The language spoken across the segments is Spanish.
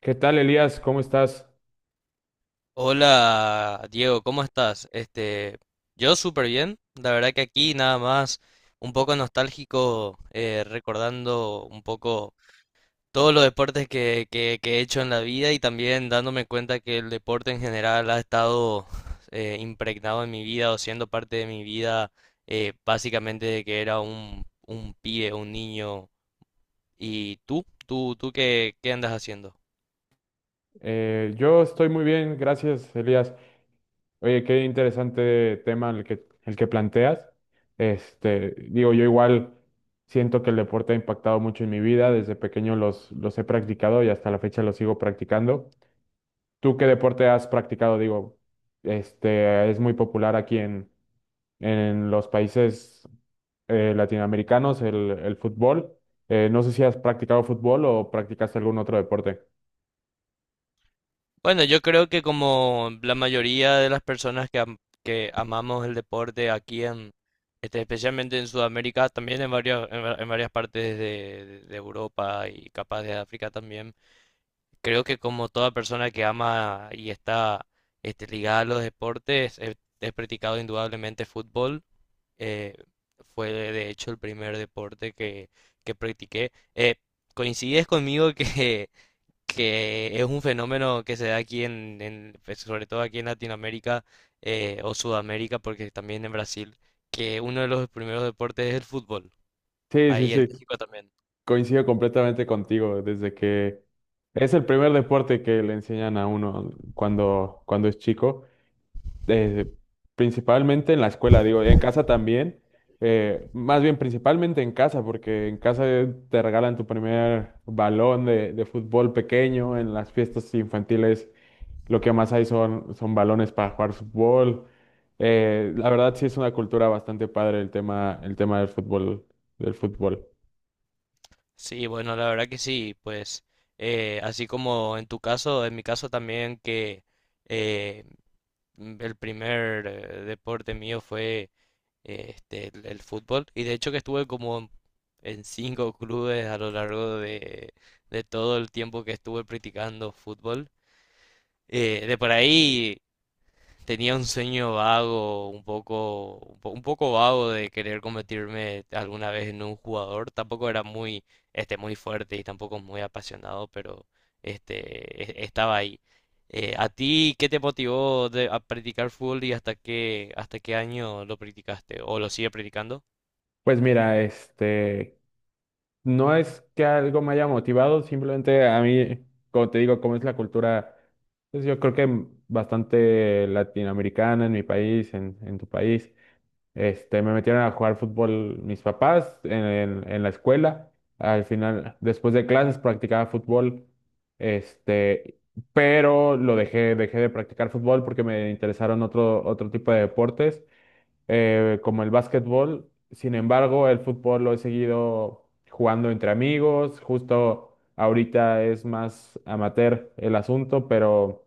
¿Qué tal, Elías? ¿Cómo estás? Hola Diego, ¿cómo estás? Este, yo súper bien. La verdad que aquí nada más un poco nostálgico, recordando un poco todos los deportes que he hecho en la vida y también dándome cuenta que el deporte en general ha estado impregnado en mi vida o siendo parte de mi vida básicamente de que era un pibe, un niño. ¿Y tú? ¿Tú qué andas haciendo? Yo estoy muy bien, gracias, Elías. Oye, qué interesante tema el que planteas. Yo igual siento que el deporte ha impactado mucho en mi vida. Desde pequeño los he practicado y hasta la fecha los sigo practicando. ¿Tú qué deporte has practicado? Es muy popular aquí en los países latinoamericanos el fútbol. No sé si has practicado fútbol o practicaste algún otro deporte. Bueno, yo creo que como la mayoría de las personas que amamos el deporte aquí en, este, especialmente en Sudamérica, también en varias, en varias partes de Europa y capaz de África también, creo que como toda persona que ama y está este, ligada a los deportes, he practicado indudablemente fútbol. eh, fue de hecho el primer deporte que practiqué. ¿Coincides conmigo que... que es un fenómeno que se da aquí pues, sobre todo aquí en Latinoamérica o Sudamérica, porque también en Brasil, que uno de los primeros deportes es el fútbol, Sí, sí, ahí en sí. México también. Coincido completamente contigo, desde que es el primer deporte que le enseñan a uno cuando es chico, eh, principalmente en la escuela, digo, en casa también, más bien principalmente en casa, porque en casa te regalan tu primer balón de fútbol pequeño. En las fiestas infantiles lo que más hay son balones para jugar fútbol. La verdad sí es una cultura bastante padre el tema del fútbol, del fútbol. Sí, bueno, la verdad que sí, pues así como en tu caso, en mi caso también que eh, el primer deporte mío fue este, el fútbol. Y de hecho que estuve como en cinco clubes a lo largo de todo el tiempo que estuve practicando fútbol. De por ahí tenía un sueño vago, un poco vago de querer convertirme alguna vez en un jugador. Tampoco era muy, este, muy fuerte y tampoco muy apasionado, pero este, estaba ahí. ¿A ti qué te motivó a practicar fútbol y hasta qué año lo practicaste o lo sigues practicando? Pues mira, no es que algo me haya motivado, simplemente a mí, como te digo, como es la cultura, pues yo creo que bastante latinoamericana en mi país, en tu país, me metieron a jugar fútbol mis papás en la escuela. Al final, después de clases, practicaba fútbol. este, pero dejé de practicar fútbol porque me interesaron otro tipo de deportes como el básquetbol. Sin embargo, el fútbol lo he seguido jugando entre amigos. Justo ahorita es más amateur el asunto, pero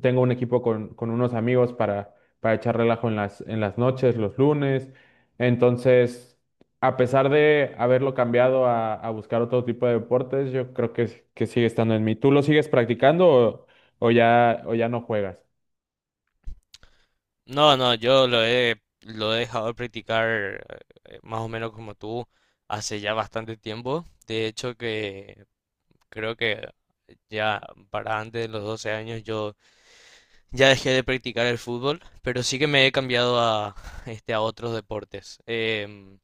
tengo un equipo con unos amigos para echar relajo en las noches, los lunes. Entonces, a pesar de haberlo cambiado a buscar otro tipo de deportes, yo creo que sigue estando en mí. ¿Tú lo sigues practicando o ya no juegas? No, no, yo lo he dejado de practicar más o menos como tú hace ya bastante tiempo. De hecho que creo que ya para antes de los 12 años yo ya dejé de practicar el fútbol, pero sí que me he cambiado a, este, a otros deportes. Em,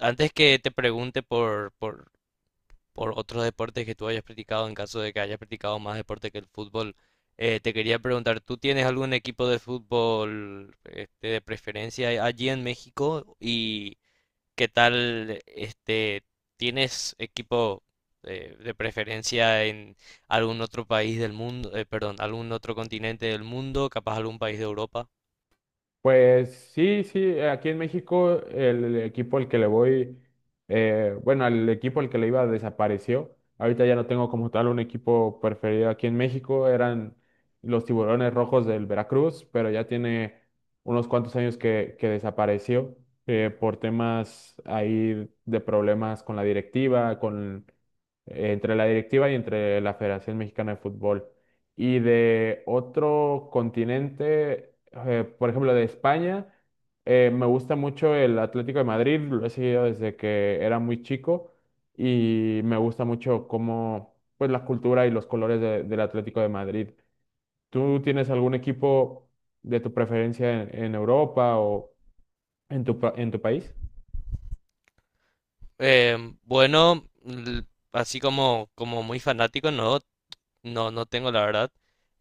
antes que te pregunte por otros deportes que tú hayas practicado, en caso de que hayas practicado más deporte que el fútbol. Te quería preguntar, ¿tú tienes algún equipo de fútbol este, de preferencia allí en México? ¿Y qué tal, este, tienes equipo de preferencia en algún otro país del mundo, perdón, algún otro continente del mundo, capaz algún país de Europa? Pues sí, sí, aquí en México el equipo al que le voy, bueno, el equipo al que le iba desapareció. Ahorita ya no tengo como tal un equipo preferido aquí en México. Eran los Tiburones Rojos del Veracruz, pero ya tiene unos cuantos años que desapareció por temas ahí de problemas con la directiva, entre la directiva y entre la Federación Mexicana de Fútbol. Y de otro continente, por ejemplo, de España, me gusta mucho el Atlético de Madrid. Lo he seguido desde que era muy chico y me gusta mucho cómo, pues, la cultura y los colores del Atlético de Madrid. ¿Tú tienes algún equipo de tu preferencia en Europa o en tu, en tu país? Em, bueno, así como muy fanático, ¿no? No, no tengo la verdad.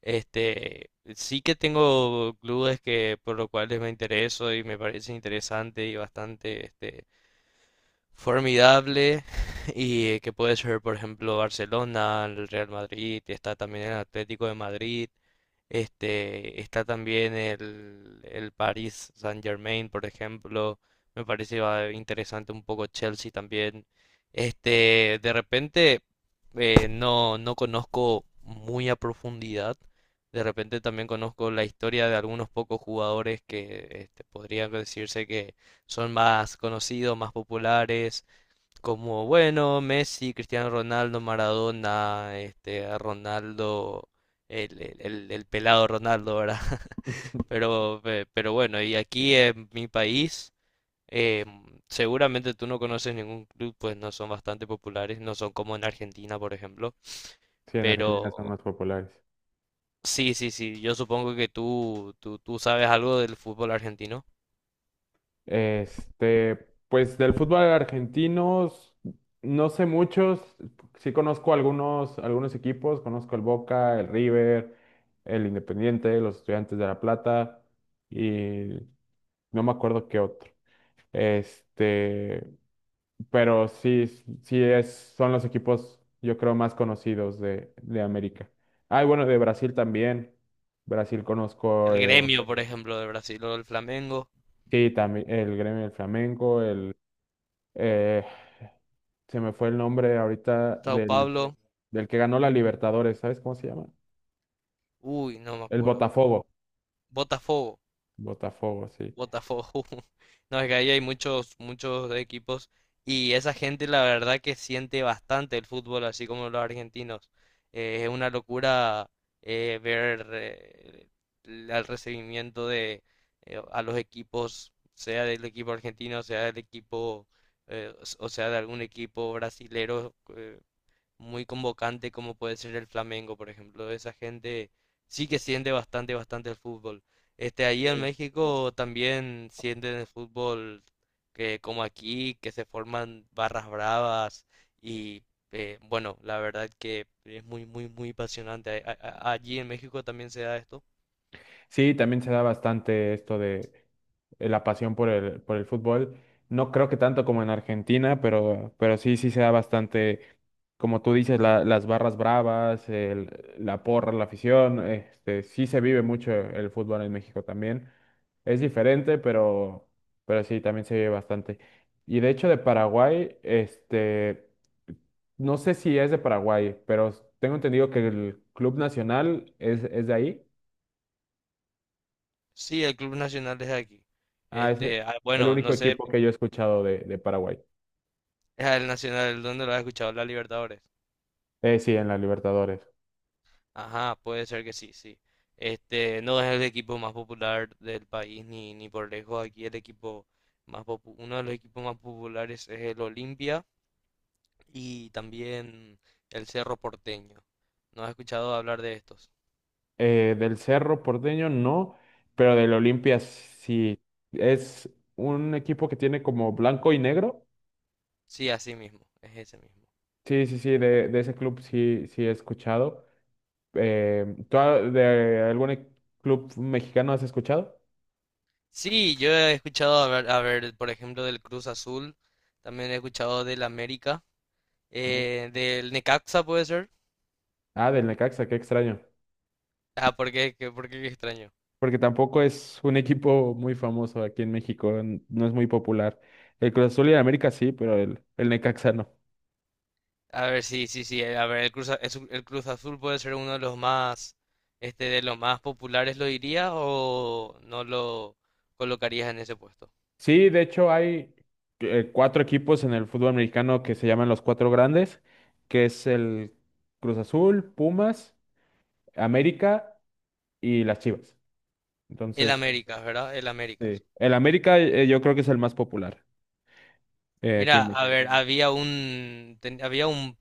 Este, sí que tengo clubes que por los cuales me intereso y me parece interesante y bastante este formidable y que puede ser, por ejemplo, Barcelona, el Real Madrid, está también el Atlético de Madrid. Este, está también el Paris Saint-Germain, por ejemplo. Me parece interesante un poco Chelsea también. Este, de repente no, no conozco muy a profundidad. De repente también conozco la historia de algunos pocos jugadores que este, podrían decirse que son más conocidos, más populares como bueno, Messi, Cristiano Ronaldo, Maradona, este, Ronaldo, el pelado Ronaldo, ¿verdad? Pero bueno, y aquí en mi país, eh, seguramente tú no conoces ningún club, pues no son bastante populares, no son como en Argentina, por ejemplo, Sí, en pero Argentina son más populares. sí, sí, sí, yo supongo que tú sabes algo del fútbol argentino. Este, pues del fútbol argentino no sé muchos. Sí conozco algunos, algunos equipos. Conozco el Boca, el River, el Independiente, los Estudiantes de La Plata y no me acuerdo qué otro. Este, pero sí, sí es, son los equipos yo creo más conocidos de América. Ah, y bueno, de Brasil también. Brasil conozco El el, Gremio, por ejemplo, de Brasil, o el Flamengo, sí, también el Gremio del Flamengo, el eh, se me fue el nombre ahorita Sao del, Paulo, del que ganó la Libertadores, ¿sabes cómo se llama? uy, no me El acuerdo, Botafogo. Botafogo. Botafogo, sí. Botafogo. No, es que ahí hay muchos, muchos equipos y esa gente la verdad que siente bastante el fútbol, así como los argentinos. Es una locura ver el recibimiento de a los equipos, sea del equipo argentino, sea del equipo, o sea de algún equipo brasilero. Muy convocante como puede ser el Flamengo, por ejemplo. Esa gente sí que siente bastante, bastante el fútbol. Este, ahí en México también sienten el fútbol que como aquí, que se forman barras bravas y bueno, la verdad que es muy, muy, muy apasionante. Allí en México también se da esto. Sí, también se da bastante esto de la pasión por el fútbol. No creo que tanto como en Argentina, pero sí, sí se da bastante, como tú dices, las barras bravas, la porra, la afición. Este, sí se vive mucho el fútbol en México también. Es diferente, pero sí, también se vive bastante. Y de hecho de Paraguay, no sé si es de Paraguay, pero tengo entendido que el Club Nacional es de ahí. Sí, el Club Nacional es de aquí. Ah, es Este, ah, el bueno, único no sé, equipo que yo he escuchado de Paraguay. es el Nacional. ¿Dónde lo has escuchado? La Libertadores. Sí, en la Libertadores. Ajá, puede ser que sí, sí. Este, no es el equipo más popular del país ni por lejos. Aquí el equipo uno de los equipos más populares es el Olimpia y también el Cerro Porteño. ¿No has escuchado hablar de estos? Del Cerro Porteño no, pero del Olimpia sí. Es un equipo que tiene como blanco y negro. Sí, así mismo, es ese mismo. Sí, sí, sí, de ese club sí, sí he escuchado. ¿Tú de algún club mexicano has escuchado? Sí, yo he escuchado hablar, a ver, por ejemplo, del Cruz Azul, también he escuchado del América, No. Del Necaxa puede ser. Ah, del Necaxa, qué extraño. Ah, ¿por qué? ¿Por qué qué extraño? Porque tampoco es un equipo muy famoso aquí en México, no es muy popular. El Cruz Azul y el América sí, pero el Necaxa no. A ver, sí, sí, sí. A ver, el Cruz Azul puede ser uno de los más, este, de los más populares, ¿lo dirías, o no lo colocarías en ese puesto? Sí, de hecho hay cuatro equipos en el fútbol mexicano que se llaman los cuatro grandes, que es el Cruz Azul, Pumas, América y las Chivas. El Entonces, Américas, ¿verdad? El Américas. sí. El América yo creo que es el más popular. Aquí Mira, en a México. ver, había un,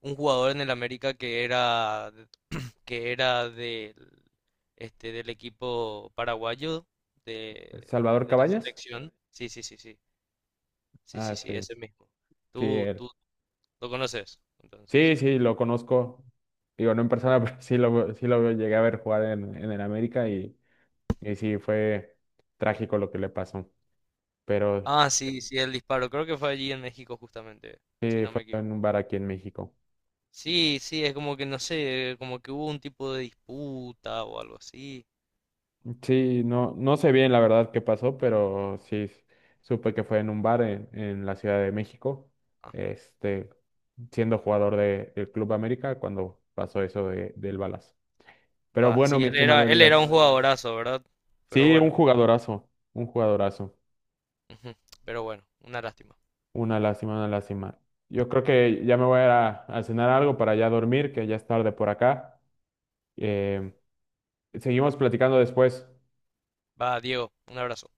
un jugador en el América que era del, este, del equipo paraguayo de, ¿Salvador de la Cabañas? selección. Sí, sí, sí, sí. Sí, Ah, sí, sí, sí, ese mismo. sí, Tú, él. tú lo conoces, entonces. Sí, sí, lo conozco. Digo, no en persona, pero sí sí lo llegué a ver jugar en el América y sí, fue trágico lo que le pasó. Pero Ah, sí, sí, el disparo. Creo que fue allí en México justamente, si sí, no fue me en un equivoco. bar aquí en México. Sí, sí, es como que no sé, como que hubo un tipo de disputa o algo así. Sí, no, no sé bien la verdad qué pasó, pero sí supe que fue en un bar en la Ciudad de México, Ah, este, siendo jugador del Club América cuando pasó eso del balazo. Pero va, bueno, sí, mi él era, estimado él era un Elías, jugadorazo, ¿verdad? Pero sí, bueno, un jugadorazo, ujú, pero bueno, una lástima. una lástima, una lástima. Yo creo que ya me voy a ir a cenar algo para ya dormir, que ya es tarde por acá. Eh, Seguimos platicando después. Va, Diego, un abrazo.